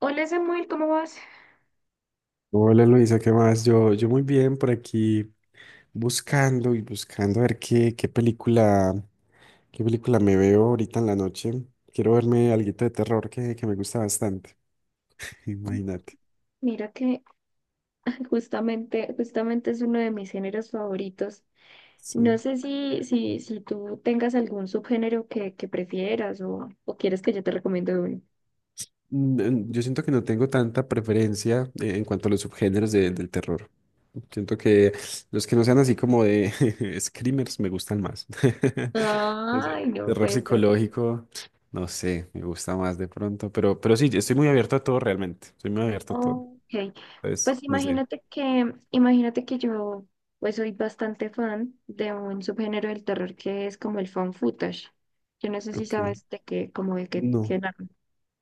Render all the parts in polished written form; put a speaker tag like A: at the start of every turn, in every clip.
A: Hola Samuel, ¿cómo vas?
B: Hola Luisa, ¿qué más? Yo muy bien por aquí buscando y buscando a ver qué, qué película me veo ahorita en la noche. Quiero verme alguito de terror que me gusta bastante, imagínate.
A: Mira que justamente es uno de mis géneros favoritos. No
B: Sí.
A: sé si tú tengas algún subgénero que prefieras o quieres que yo te recomiende uno.
B: Yo siento que no tengo tanta preferencia en cuanto a los subgéneros del terror. Siento que los que no sean así como de screamers me gustan más. Que sea
A: Ay, no
B: terror
A: puede ser.
B: psicológico, no sé, me gusta más de pronto, pero sí, estoy muy abierto a todo realmente. Estoy muy abierto a todo.
A: Ok,
B: Entonces,
A: pues
B: no sé.
A: imagínate que yo pues soy bastante fan de un subgénero del terror que es como el found footage. Yo no sé si
B: Ok.
A: sabes de qué, como de qué.
B: No,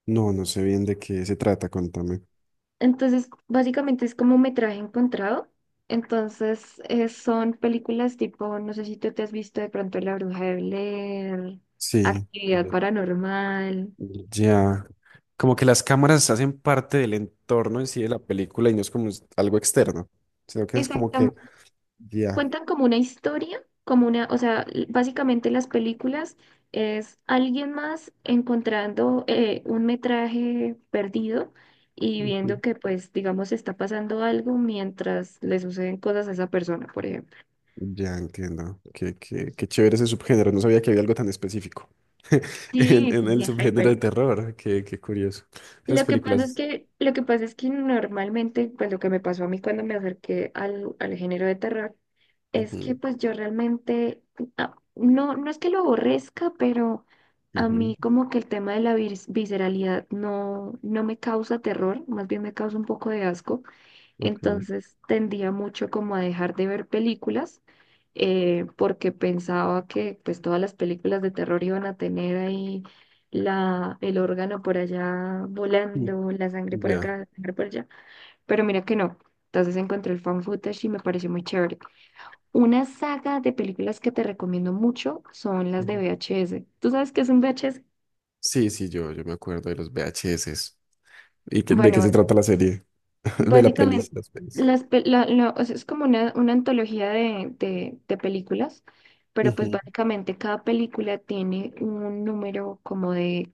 B: no, no sé bien de qué se trata, contame.
A: Entonces, básicamente es como metraje encontrado. Entonces, son películas tipo, no sé si tú te has visto de pronto La Bruja de Blair,
B: Sí.
A: Actividad Paranormal.
B: Ya. Como que las cámaras hacen parte del entorno en sí de la película y no es como algo externo, sino que es como que,
A: Exactamente.
B: ya.
A: Cuentan como una historia, como una, o sea, l- básicamente las películas es alguien más encontrando un metraje perdido y viendo
B: Ujú.
A: que, pues, digamos, está pasando algo mientras le suceden cosas a esa persona, por ejemplo.
B: Ya entiendo. Qué, qué, qué chévere ese subgénero. No sabía que había algo tan específico
A: Sí, sí,
B: en
A: sí,
B: el subgénero de
A: hyper.
B: terror. Qué, qué curioso. Esas películas.
A: Lo que pasa es que normalmente, pues lo que me pasó a mí cuando me acerqué al género de terror, es que
B: Ujú,
A: pues yo realmente, ah, no, no es que lo aborrezca, pero a
B: ujú,
A: mí como que el tema de la visceralidad no, no me causa terror, más bien me causa un poco de asco.
B: ok.
A: Entonces tendía mucho como a dejar de ver películas porque pensaba que pues todas las películas de terror iban a tener ahí la, el órgano por allá
B: Mm,
A: volando, la sangre por
B: Ya.
A: acá, la sangre por allá, pero mira que no. Entonces encontré el fan footage y me pareció muy chévere. Una saga de películas que te recomiendo mucho son las de
B: Ujú.
A: VHS. ¿Tú sabes qué es un VHS?
B: Sí, sí, yo me acuerdo de los VHS. ¿Y de qué
A: Bueno,
B: se trata la serie? De la
A: básicamente,
B: pelis, las pelis.
A: las, pe- la- la- o sea, es como una antología de películas, pero pues
B: Ujú,
A: básicamente cada película tiene un número como de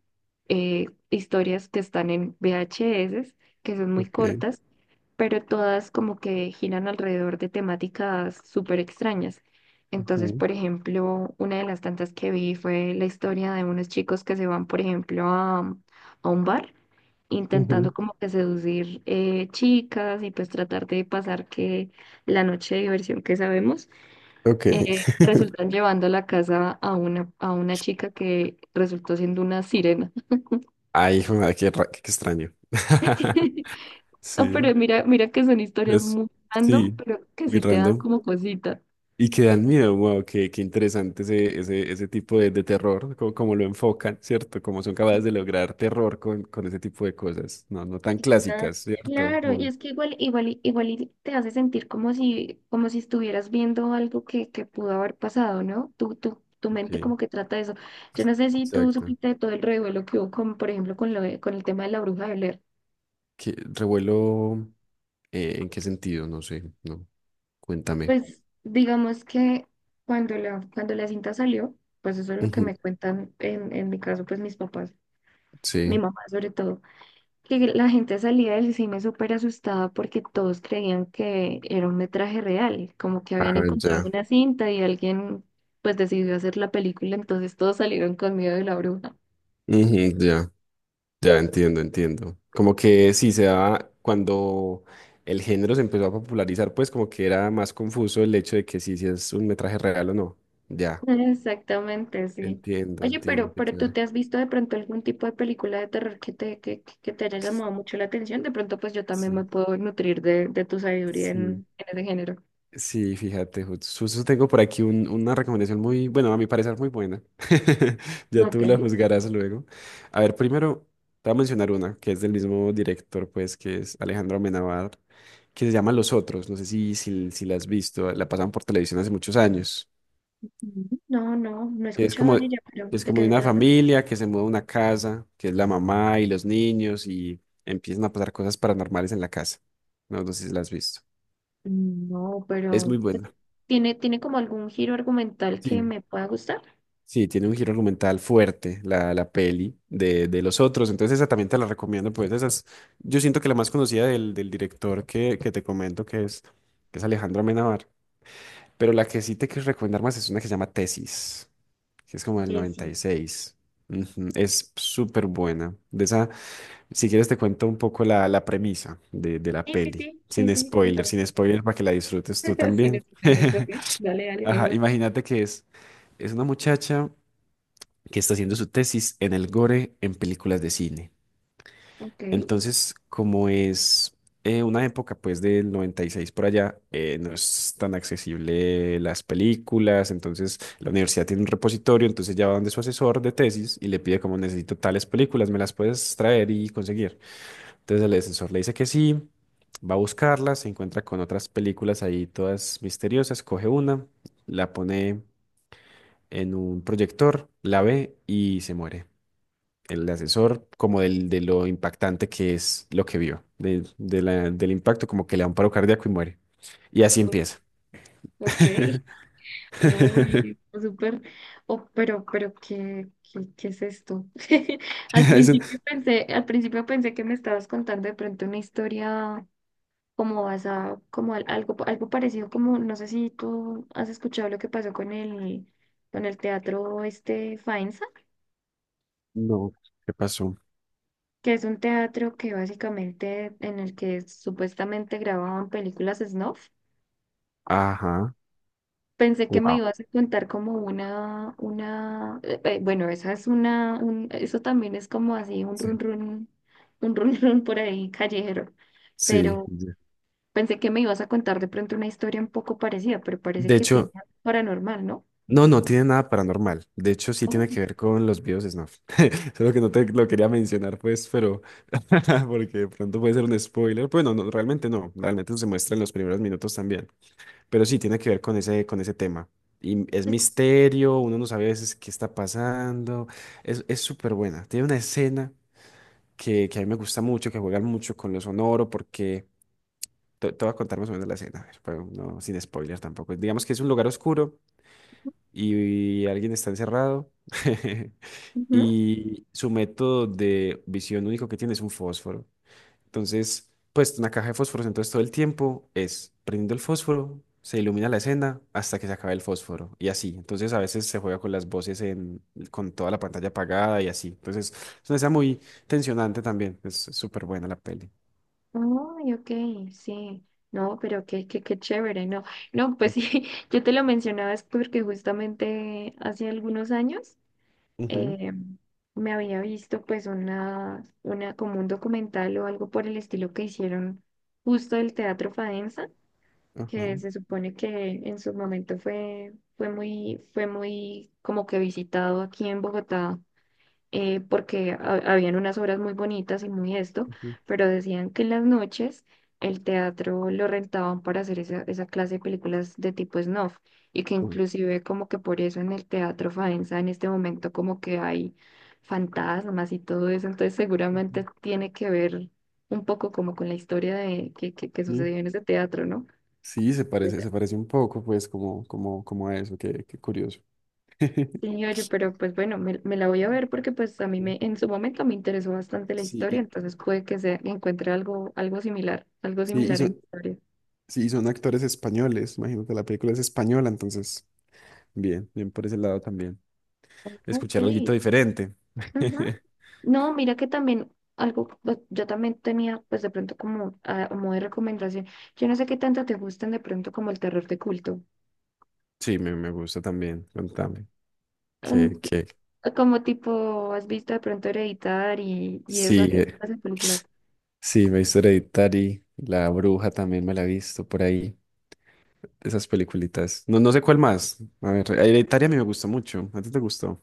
A: historias que están en VHS, que son muy
B: ok.
A: cortas, pero todas como que giran alrededor de temáticas súper extrañas. Entonces,
B: Ujú,
A: por ejemplo, una de las tantas que vi fue la historia de unos chicos que se van, por ejemplo, a un bar intentando
B: ujú.
A: como que seducir chicas y pues tratar de pasar que la noche de diversión que sabemos,
B: Ok.
A: resultan llevando a la casa a una chica que resultó siendo una sirena.
B: Ay, hijo, madre, qué, qué extraño.
A: No, pero
B: Sí,
A: mira, mira que son historias
B: es,
A: muy random,
B: sí,
A: pero que
B: muy
A: sí te dan
B: random.
A: como cosita.
B: Y que dan miedo, wow, qué, qué interesante ese tipo de terror, como, como lo enfocan, ¿cierto? Como son capaces de lograr terror con ese tipo de cosas, no, no tan
A: Ah,
B: clásicas, ¿cierto?
A: claro, y
B: Muy,
A: es que igual y te hace sentir como si estuvieras viendo algo que pudo haber pasado, ¿no? Tu mente
B: ok,
A: como que trata de eso. Yo no sé si tú
B: exacto.
A: supiste de todo el revuelo que hubo con, por ejemplo, con lo de- con el tema de la bruja de Blair.
B: ¿Qué, revuelo, en qué sentido? No sé, no, cuéntame.
A: Pues digamos que cuando la cinta salió, pues eso es lo que
B: Ujú,
A: me cuentan en mi caso, pues mis papás, mi
B: sí,
A: mamá sobre todo, que la gente salía del cine súper asustada porque todos creían que era un metraje real, como que
B: ah,
A: habían encontrado
B: ya,
A: una cinta y alguien pues decidió hacer la película, entonces todos salieron con miedo de la bruja.
B: ujú, ya. Ya entiendo, entiendo. Como que sí se daba cuando el género se empezó a popularizar, pues como que era más confuso el hecho de que sí, si es un metraje real o no. Ya,
A: Exactamente, sí.
B: entiendo,
A: Oye,
B: entiendo, qué
A: pero ¿tú
B: chévere.
A: te has visto de pronto algún tipo de película de terror que te, que te haya llamado mucho la atención? De pronto pues yo también me
B: Sí,
A: puedo nutrir de tu sabiduría
B: sí.
A: en ese género.
B: Sí, fíjate, justo tengo por aquí una recomendación muy, bueno, a mi parecer muy buena. Ya
A: Ok.
B: tú la juzgarás luego. A ver, primero te voy a mencionar una que es del mismo director, pues, que es Alejandro Amenábar, que se llama Los Otros. No sé si la has visto, la pasan por televisión hace muchos años.
A: No, no he
B: Es
A: escuchado de
B: como,
A: ella, pero
B: es
A: ¿de
B: como
A: qué
B: de
A: se
B: una
A: trata?
B: familia que se muda a una casa, que es la mamá y los niños, y empiezan a pasar cosas paranormales en la casa. No, no sé si la has visto.
A: No,
B: Es muy
A: pero
B: buena.
A: ¿tiene, tiene como algún giro argumental que
B: Sí.
A: me pueda gustar?
B: Sí, tiene un giro argumental fuerte la peli de los otros, entonces esa también te la recomiendo, pues esa es, yo siento que la más conocida del, del director que te comento que es Alejandro Amenábar, pero la que sí te quiero recomendar más es una que se llama Tesis, que es como del
A: Sí.
B: 96. Ujú, es súper buena, de esa, si quieres te cuento un poco la, la premisa de la
A: Sí, sí,
B: peli,
A: sí, sí,
B: sin
A: sí, sí,
B: spoiler,
A: cuéntame.
B: sin spoiler para que la disfrutes tú
A: Sin
B: también.
A: spoilers, ok. Dale, dale,
B: Ajá,
A: mejor.
B: imagínate que es una muchacha que está haciendo su tesis en el gore en películas de cine.
A: Ok.
B: Entonces, como es una época pues del 96 por allá, no es tan accesible las películas, entonces la universidad tiene un repositorio, entonces ya va donde su asesor de tesis y le pide como necesito tales películas, ¿me las puedes traer y conseguir? Entonces el asesor le dice que sí, va a buscarlas, se encuentra con otras películas ahí todas misteriosas, coge una, la pone en un proyector, la ve y se muere el asesor como del, de lo impactante que es lo que vio, de, del impacto, como que le da un paro cardíaco y muere. Y así
A: Uy,
B: empieza.
A: ok. Uy, pues súper. Oh, pero, ¿qué, qué, qué es esto?
B: Dicen,
A: Al principio pensé que me estabas contando de pronto una historia, como basado, como al- algo, algo parecido, como no sé si tú has escuchado lo que pasó con el teatro este Faenza,
B: no, ¿qué pasó?
A: que es un teatro que básicamente en el que supuestamente grababan películas snuff.
B: Ajá,
A: Pensé que me
B: wow.
A: ibas a contar como una, bueno, esa es una, un- eso también es como así un run
B: Sí,
A: run, un run run por ahí callejero,
B: sí,
A: pero
B: ya.
A: pensé que me ibas a contar de pronto una historia un poco parecida, pero parece
B: De
A: que tiene
B: hecho,
A: algo paranormal, ¿no?
B: no, no tiene nada paranormal. De hecho, sí
A: Oh.
B: tiene que ver con los videos de Snuff. Solo que no te lo quería mencionar, pues, pero porque de pronto puede ser un spoiler. Bueno, no, no, realmente no. Realmente se muestra en los primeros minutos también. Pero sí, tiene que ver con ese tema. Y es misterio, uno no sabe a veces qué está pasando. Es súper buena. Tiene una escena que a mí me gusta mucho, que juegan mucho con lo sonoro, porque te voy a contar más o menos la escena, a ver, pero no, sin spoiler tampoco. Digamos que es un lugar oscuro y alguien está encerrado
A: Ujú.
B: y su método de visión único que tiene es un fósforo. Entonces, pues una caja de fósforo, entonces todo el tiempo es prendiendo el fósforo, se ilumina la escena hasta que se acabe el fósforo y así. Entonces a veces se juega con las voces en, con toda la pantalla apagada y así. Entonces es una escena muy tensionante también. Es súper buena la peli.
A: Ay, ok, sí. No, pero qué, qué, qué chévere, no. No, pues sí, yo te lo mencionaba es porque justamente hace algunos años
B: Ujú,
A: eh, me había visto pues una, como un documental o algo por el estilo que hicieron justo del Teatro Fadensa,
B: ajá,
A: que se supone que en su momento fue, fue muy como que visitado aquí en Bogotá, porque habían unas obras muy bonitas y muy esto,
B: ujú,
A: pero decían que en las noches el teatro lo rentaban para hacer esa, esa clase de películas de tipo snuff, y que
B: ujú,
A: inclusive como que por eso en el teatro Faenza en este momento como que hay fantasmas y todo eso, entonces seguramente
B: ujú.
A: tiene que ver un poco como con la historia de que sucedió
B: Sí,
A: en ese teatro, ¿no?
B: sí, se parece un poco, pues, como, como, como a eso, qué, qué curioso.
A: Sí, oye, pero pues bueno, me la voy a ver porque pues a mí me, en su momento me interesó bastante la
B: Sí, sí,
A: historia,
B: y,
A: entonces puede que se encuentre algo, algo
B: sí,
A: similar en historia.
B: sí, y son actores españoles, imagino que la película es española, entonces bien, bien por ese lado también.
A: Ok.
B: Escuchar algo diferente.
A: Ujú. No, mira que también algo, pues, yo también tenía pues de pronto como ah, a modo de recomendación, yo no sé qué tanto te gustan de pronto como el terror de culto.
B: Sí, me gusta también. Contame. Que
A: Ah, como tipo, has visto de pronto Hereditar y esa,
B: sí,
A: esas películas.
B: sí, me he visto Hereditary, La Bruja también me la he visto por ahí. Esas peliculitas. No, no sé cuál más. A ver, Hereditary a mí me gustó mucho. ¿A ti te gustó?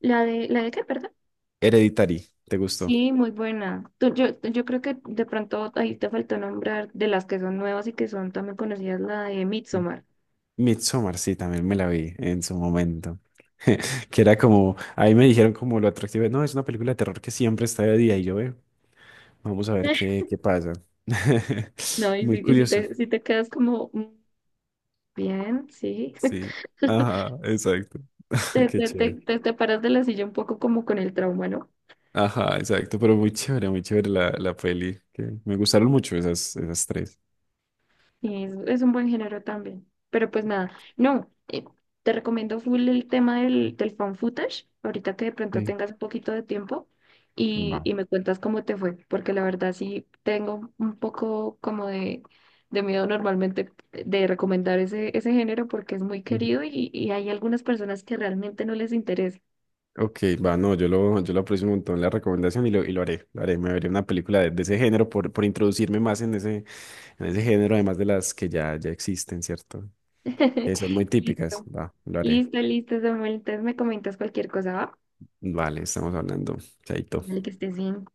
A: ¿La de qué, perdón?
B: Hereditary, ¿te gustó?
A: Sí, muy buena. Yo creo que de pronto ahí te faltó nombrar de las que son nuevas y que son también conocidas, la de
B: Sí.
A: Midsommar.
B: Midsommar, sí, también me la vi en su momento. Que era como, ahí me dijeron como lo atractivo, no, es una película de terror que siempre está de día y yo, veo. Vamos a ver qué, qué pasa.
A: No,
B: Muy
A: y si
B: curioso.
A: te, si te quedas como "Mm, bien, sí",
B: Sí. Ajá, exacto.
A: te,
B: Qué
A: te, te,
B: chévere.
A: te, te paras de la silla un poco como con el trauma, ¿no?
B: Ajá, exacto. Pero muy chévere la, la peli. Que me gustaron mucho esas, esas tres.
A: Sí, es un buen género también. Pero pues nada, no, te recomiendo full el tema del fan footage, ahorita que de pronto
B: Sí.
A: tengas un poquito de tiempo
B: Va.
A: y me cuentas cómo te fue, porque la verdad sí tengo un poco como de miedo normalmente de recomendar ese, ese género porque es muy
B: Ujú.
A: querido y hay algunas personas que realmente no les interesa.
B: Ok, va, no, yo lo aprecio un montón la recomendación y lo haré, me veré una película de ese género por introducirme más en ese género, además de las que ya, ya existen, ¿cierto? Que son muy típicas,
A: Listo,
B: va, lo haré.
A: listo, listo, Samuel. Entonces me comentas cualquier cosa, ¿va?
B: Vale, estamos hablando, chaito.
A: Dale que estés bien.